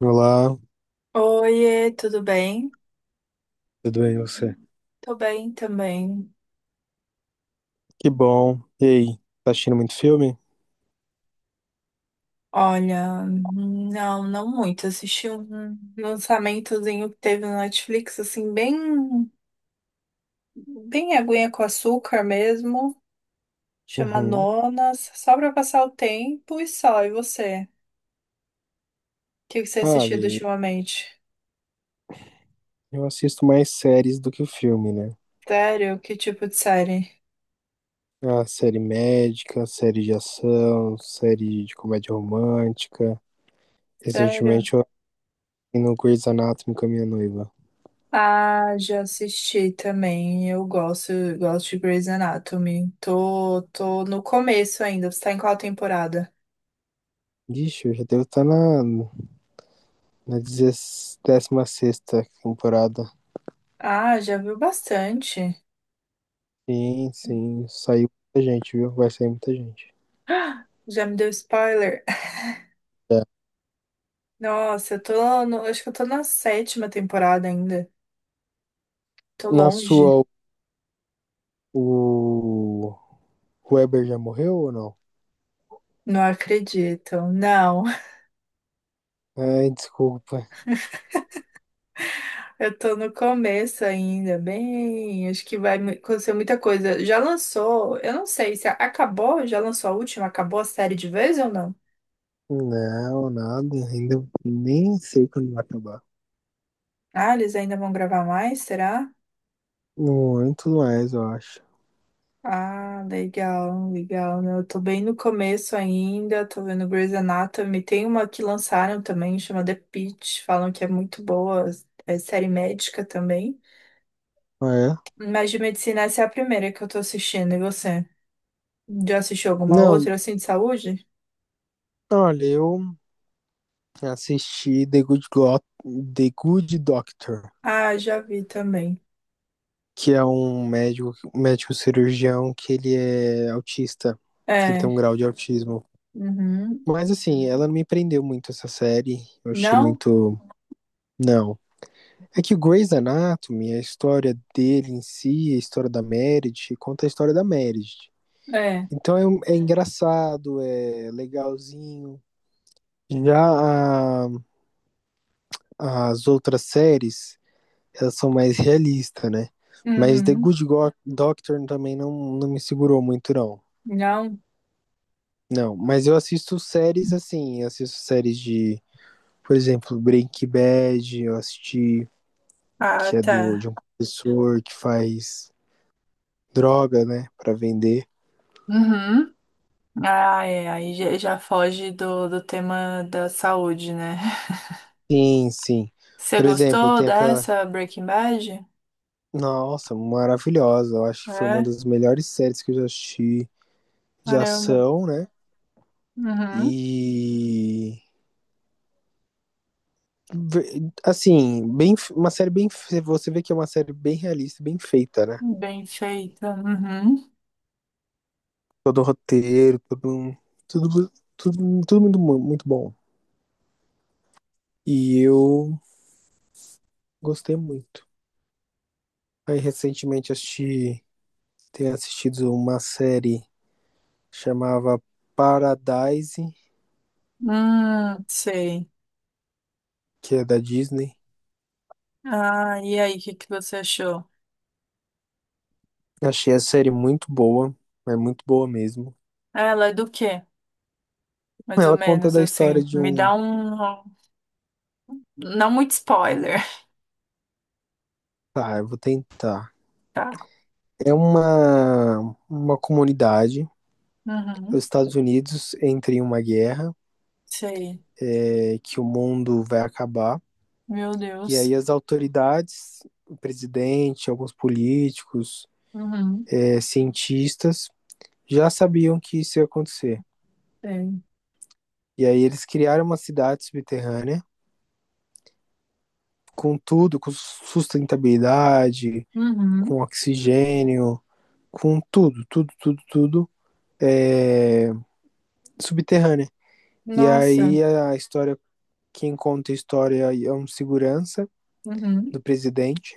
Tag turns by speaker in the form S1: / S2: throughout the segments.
S1: Olá,
S2: Oiê, tudo bem?
S1: tudo bem e você?
S2: Tô bem também.
S1: Que bom. E aí, tá assistindo muito filme?
S2: Olha, não, não muito. Assisti um lançamentozinho que teve no Netflix, assim, bem aguinha com açúcar mesmo. Chama
S1: Uhum.
S2: Nonas, só pra passar o tempo e só. E você? O que você assistiu
S1: Olha,
S2: ultimamente?
S1: eu assisto mais séries do que filme, né?
S2: Sério? Que tipo de série?
S1: A série médica, série de ação, série de comédia romântica.
S2: Sério?
S1: Recentemente eu assisti no Grey's Anatomy com a minha noiva.
S2: Ah, já assisti também. Eu gosto de Grey's Anatomy. Tô no começo ainda. Você tá em qual temporada?
S1: Ixi, eu já devo estar na na 16ª temporada.
S2: Ah, já viu bastante.
S1: Sim, sim. Saiu muita gente, viu? Vai sair muita gente.
S2: Ah, já me deu spoiler.
S1: É.
S2: Nossa, eu tô no, acho que eu tô na sétima temporada ainda. Tô
S1: Na
S2: longe.
S1: sua, o Weber já morreu ou não?
S2: Não acredito. Não,
S1: Ai, desculpa.
S2: eu tô no começo ainda. Bem, acho que acontecer muita coisa. Já lançou, eu não sei se acabou, já lançou a última, acabou a série de vez ou não?
S1: Não, nada. Ainda nem sei quando vai acabar.
S2: Ah, eles ainda vão gravar mais, será?
S1: Muito mais, eu acho.
S2: Ah, legal, legal, né? Eu tô bem no começo ainda, tô vendo Grey's Anatomy. Tem uma que lançaram também, chama The Pitt, falam que é muito boa, é série médica também.
S1: Ah, é?
S2: Mas de medicina, essa é a primeira que eu tô assistindo, e você? Já assistiu alguma
S1: Não,
S2: outra, assim, de saúde?
S1: olha, eu assisti The Good Doctor,
S2: Ah, já vi também.
S1: que é um médico cirurgião que ele é autista. Ele tem um
S2: É,
S1: grau de autismo.
S2: uhum.
S1: Mas assim, ela não me prendeu muito essa série. Eu achei
S2: Não?
S1: muito. Não. É que o Grey's Anatomy, a história dele em si, a história da Meredith, conta a história da Meredith.
S2: É,
S1: Então é, é engraçado, é legalzinho. Já as outras séries, elas são mais realistas, né? Mas The
S2: uhum.
S1: Good Doctor também não, não me segurou muito, não.
S2: Não?
S1: Não, mas eu assisto séries assim, eu assisto séries de, por exemplo, Breaking Bad, eu assisti,
S2: Ah,
S1: que é do,
S2: tá.
S1: de um professor que faz droga, né, pra vender.
S2: Uhum. Ah, é, aí já já foge do tema da saúde, né?
S1: Sim, sim.
S2: Você
S1: Por exemplo,
S2: gostou
S1: tem aquela,
S2: dessa Breaking Bad?
S1: nossa, maravilhosa, eu acho que foi uma
S2: É,
S1: das melhores séries que eu já assisti de
S2: caramba.
S1: ação, né?
S2: Uhum.
S1: E assim, bem, uma série bem, você vê que é uma série bem realista, bem feita, né?
S2: Bem feita. Uhum.
S1: Todo o roteiro, todo, tudo, tudo, tudo muito, muito bom. E eu gostei muito. Aí recentemente assisti, tenho assistido uma série chamava Paradise,
S2: Sei.
S1: que é da Disney.
S2: Ah, e aí, o que você achou?
S1: Achei a série muito boa, é muito boa mesmo.
S2: Ela é do quê? Mais ou
S1: Ela conta
S2: menos
S1: da história
S2: assim.
S1: de
S2: Me
S1: um.
S2: dá um. Não muito spoiler.
S1: Tá, eu vou tentar.
S2: Tá.
S1: É uma, comunidade, os
S2: Uhum.
S1: Estados Unidos entra em uma guerra,
S2: Sei.
S1: é, que o mundo vai acabar.
S2: Meu
S1: E
S2: Deus.
S1: aí as autoridades, o presidente, alguns políticos,
S2: Uhum.
S1: é, cientistas, já sabiam que isso ia acontecer.
S2: Sei.
S1: E aí eles criaram uma cidade subterrânea com tudo, com sustentabilidade,
S2: Uhum.
S1: com oxigênio, com tudo, tudo, tudo, tudo é, subterrânea. E
S2: Nossa.
S1: aí a história, quem conta a história é um segurança
S2: Uhum.
S1: do presidente.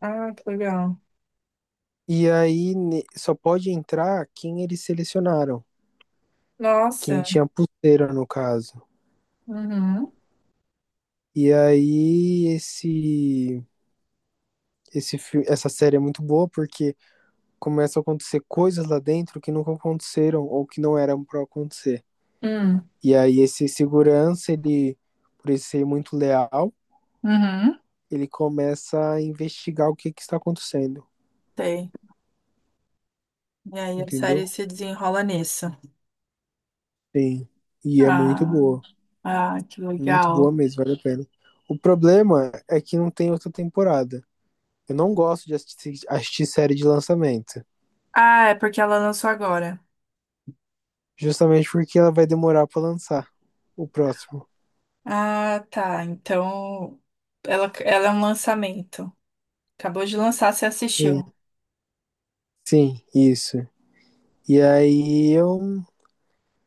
S2: Ah, que legal.
S1: E aí só pode entrar quem eles selecionaram, quem
S2: Nossa.
S1: tinha pulseira no caso.
S2: Uhum.
S1: E aí esse filme, essa série é muito boa porque começa a acontecer coisas lá dentro que nunca aconteceram ou que não eram para acontecer.
S2: Hum.
S1: E aí esse segurança, ele por ele ser muito leal,
S2: Uhum.
S1: ele começa a investigar o que que está acontecendo,
S2: Sei. E aí a série
S1: entendeu?
S2: se desenrola nisso.
S1: Sim. E é
S2: Ah, ah, que
S1: muito boa
S2: legal.
S1: mesmo, vale a pena. O problema é que não tem outra temporada. Eu não gosto de assistir, assistir série de lançamento.
S2: Ah, é porque ela lançou agora.
S1: Justamente porque ela vai demorar pra lançar o próximo.
S2: Ah, tá. Então ela é um lançamento. Acabou de lançar, você
S1: Sim,
S2: assistiu.
S1: sim, isso. E aí eu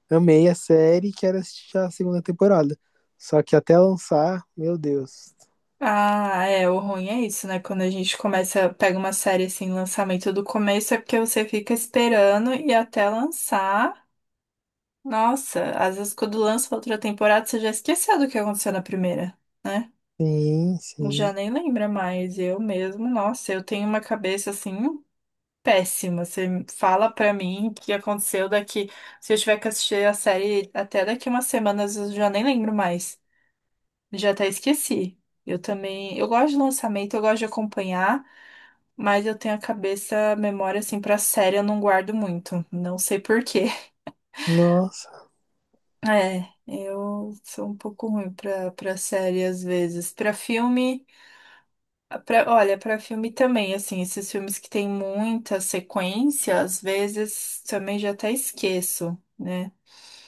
S1: amei a série e quero assistir a segunda temporada. Só que até lançar, meu Deus.
S2: Ah, é, o ruim é isso, né? Quando a gente começa, pega uma série assim, lançamento do começo, é porque você fica esperando e até lançar. Nossa, às vezes quando lança outra temporada, você já esqueceu do que aconteceu na primeira, né?
S1: Sim,
S2: Já
S1: sim.
S2: nem lembra mais, eu mesmo, nossa, eu tenho uma cabeça assim péssima. Você fala pra mim o que aconteceu daqui. Se eu tiver que assistir a série até daqui umas semanas, eu já nem lembro mais. Já até esqueci. Eu também, eu gosto de lançamento, eu gosto de acompanhar, mas eu tenho a cabeça, a memória assim pra série, eu não guardo muito. Não sei por quê.
S1: Nossa.
S2: É, eu sou um pouco ruim pra série às vezes. Pra filme. Olha, para filme também, assim, esses filmes que tem muita sequência, às vezes também já até esqueço, né?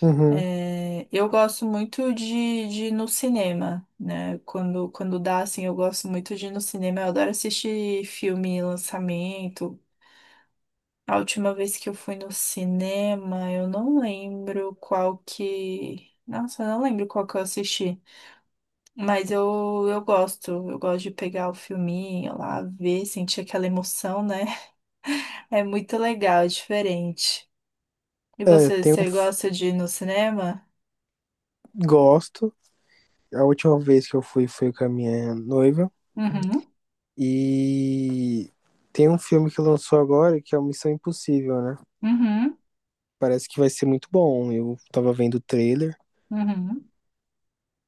S1: Uhum.
S2: É, eu gosto muito de ir no cinema, né? Quando dá, assim, eu gosto muito de ir no cinema. Eu adoro assistir filme, lançamento. A última vez que eu fui no cinema, eu não lembro qual que. Nossa, eu não lembro qual que eu assisti. Mas eu gosto, eu gosto de pegar o filminho lá, ver, sentir aquela emoção, né? É muito legal, é diferente. E
S1: É,
S2: você,
S1: tenho.
S2: você gosta de ir no cinema?
S1: Gosto. A última vez que eu fui foi com a minha noiva.
S2: Uhum,
S1: E tem um filme que lançou agora que é o Missão Impossível, né?
S2: uhum,
S1: Parece que vai ser muito bom. Eu tava vendo o trailer.
S2: uhum.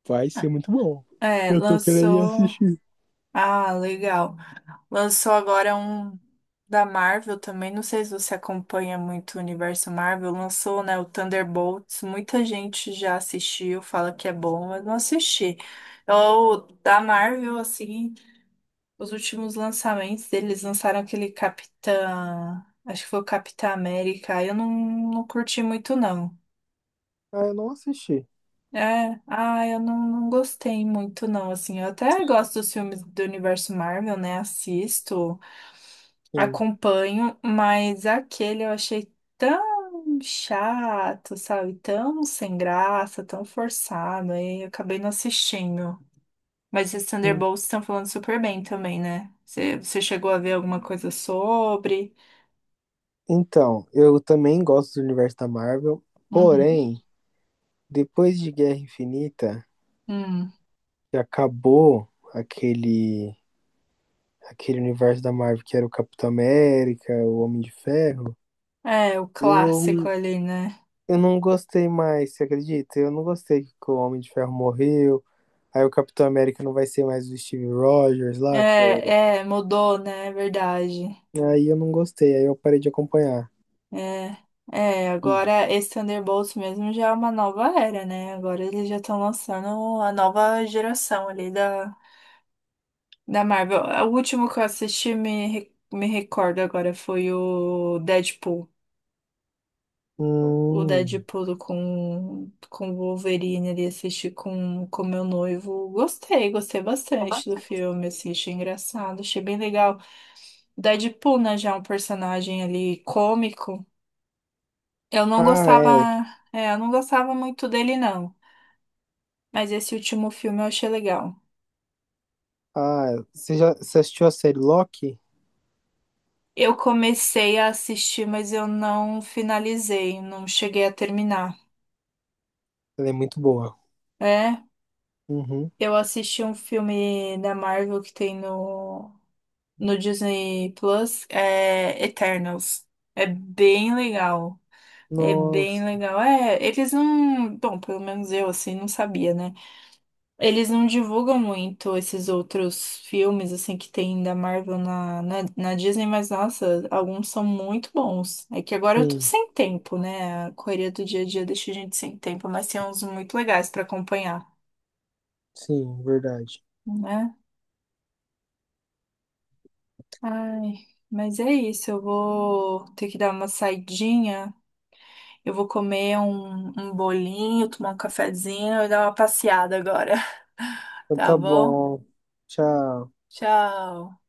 S1: Vai ser muito bom.
S2: É,
S1: Eu tô querendo ir
S2: lançou.
S1: assistir.
S2: Ah, legal. Lançou agora um da Marvel também. Não sei se você acompanha muito o universo Marvel. Lançou, né, o Thunderbolts. Muita gente já assistiu, fala que é bom, mas não assisti. Eu, da Marvel, assim. Os últimos lançamentos deles lançaram aquele Capitã. Acho que foi o Capitã América. Eu não, não curti muito, não.
S1: Ah, eu não assisti.
S2: É, ah, eu não, não gostei muito, não. Assim, eu até gosto dos filmes do universo Marvel, né? Assisto,
S1: Sim,
S2: acompanho, mas aquele eu achei tão chato, sabe? Tão sem graça, tão forçado. Aí eu acabei não assistindo. Mas esses
S1: sim.
S2: Thunderbolts estão falando super bem também, né? Você chegou a ver alguma coisa sobre?
S1: Então, eu também gosto do universo da Marvel,
S2: Uhum.
S1: porém, depois de Guerra Infinita,
S2: Hum.
S1: que acabou aquele aquele universo da Marvel que era o Capitão América, o Homem de Ferro,
S2: É, o clássico
S1: eu,
S2: ali, né?
S1: eu não gostei mais, você acredita? Eu não gostei que o Homem de Ferro morreu. Aí o Capitão América não vai ser mais o Steve Rogers lá, que é o.
S2: É, é, mudou, né? É verdade.
S1: Aí eu não gostei, aí eu parei de acompanhar.
S2: É, é, agora esse Thunderbolts mesmo já é uma nova era, né? Agora eles já estão lançando a nova geração ali da Marvel. É, o último que eu assisti, me recordo agora, foi o Deadpool. O
S1: Hum.
S2: Deadpool com o Wolverine ali, assisti com meu noivo. Gostei, gostei
S1: É
S2: bastante do
S1: bastante.
S2: filme, assim, achei engraçado, achei bem legal. Deadpool, né, já é um personagem ali cômico. Eu não
S1: Ah,
S2: gostava,
S1: é.
S2: é, eu não gostava muito dele, não. Mas esse último filme eu achei legal.
S1: Ah, você assistiu a série Loki?
S2: Eu comecei a assistir, mas eu não finalizei, não cheguei a terminar.
S1: Ela é muito boa.
S2: É,
S1: Uhum.
S2: eu assisti um filme da Marvel que tem no Disney Plus, é Eternals. É bem legal. É bem
S1: Nossa,
S2: legal. É, eles não. Bom, pelo menos eu, assim, não sabia, né? Eles não divulgam muito esses outros filmes, assim, que tem da Marvel na Disney, mas, nossa, alguns são muito bons. É que agora eu tô
S1: sim,
S2: sem tempo, né? A correria do dia a dia deixa a gente sem tempo, mas tem uns muito legais pra acompanhar,
S1: sim, verdade.
S2: né? Ai, mas é isso, eu vou ter que dar uma saidinha, eu vou comer um bolinho, tomar um cafezinho e dar uma passeada agora,
S1: Então
S2: tá
S1: tá
S2: bom?
S1: bom. Tchau.
S2: Tchau!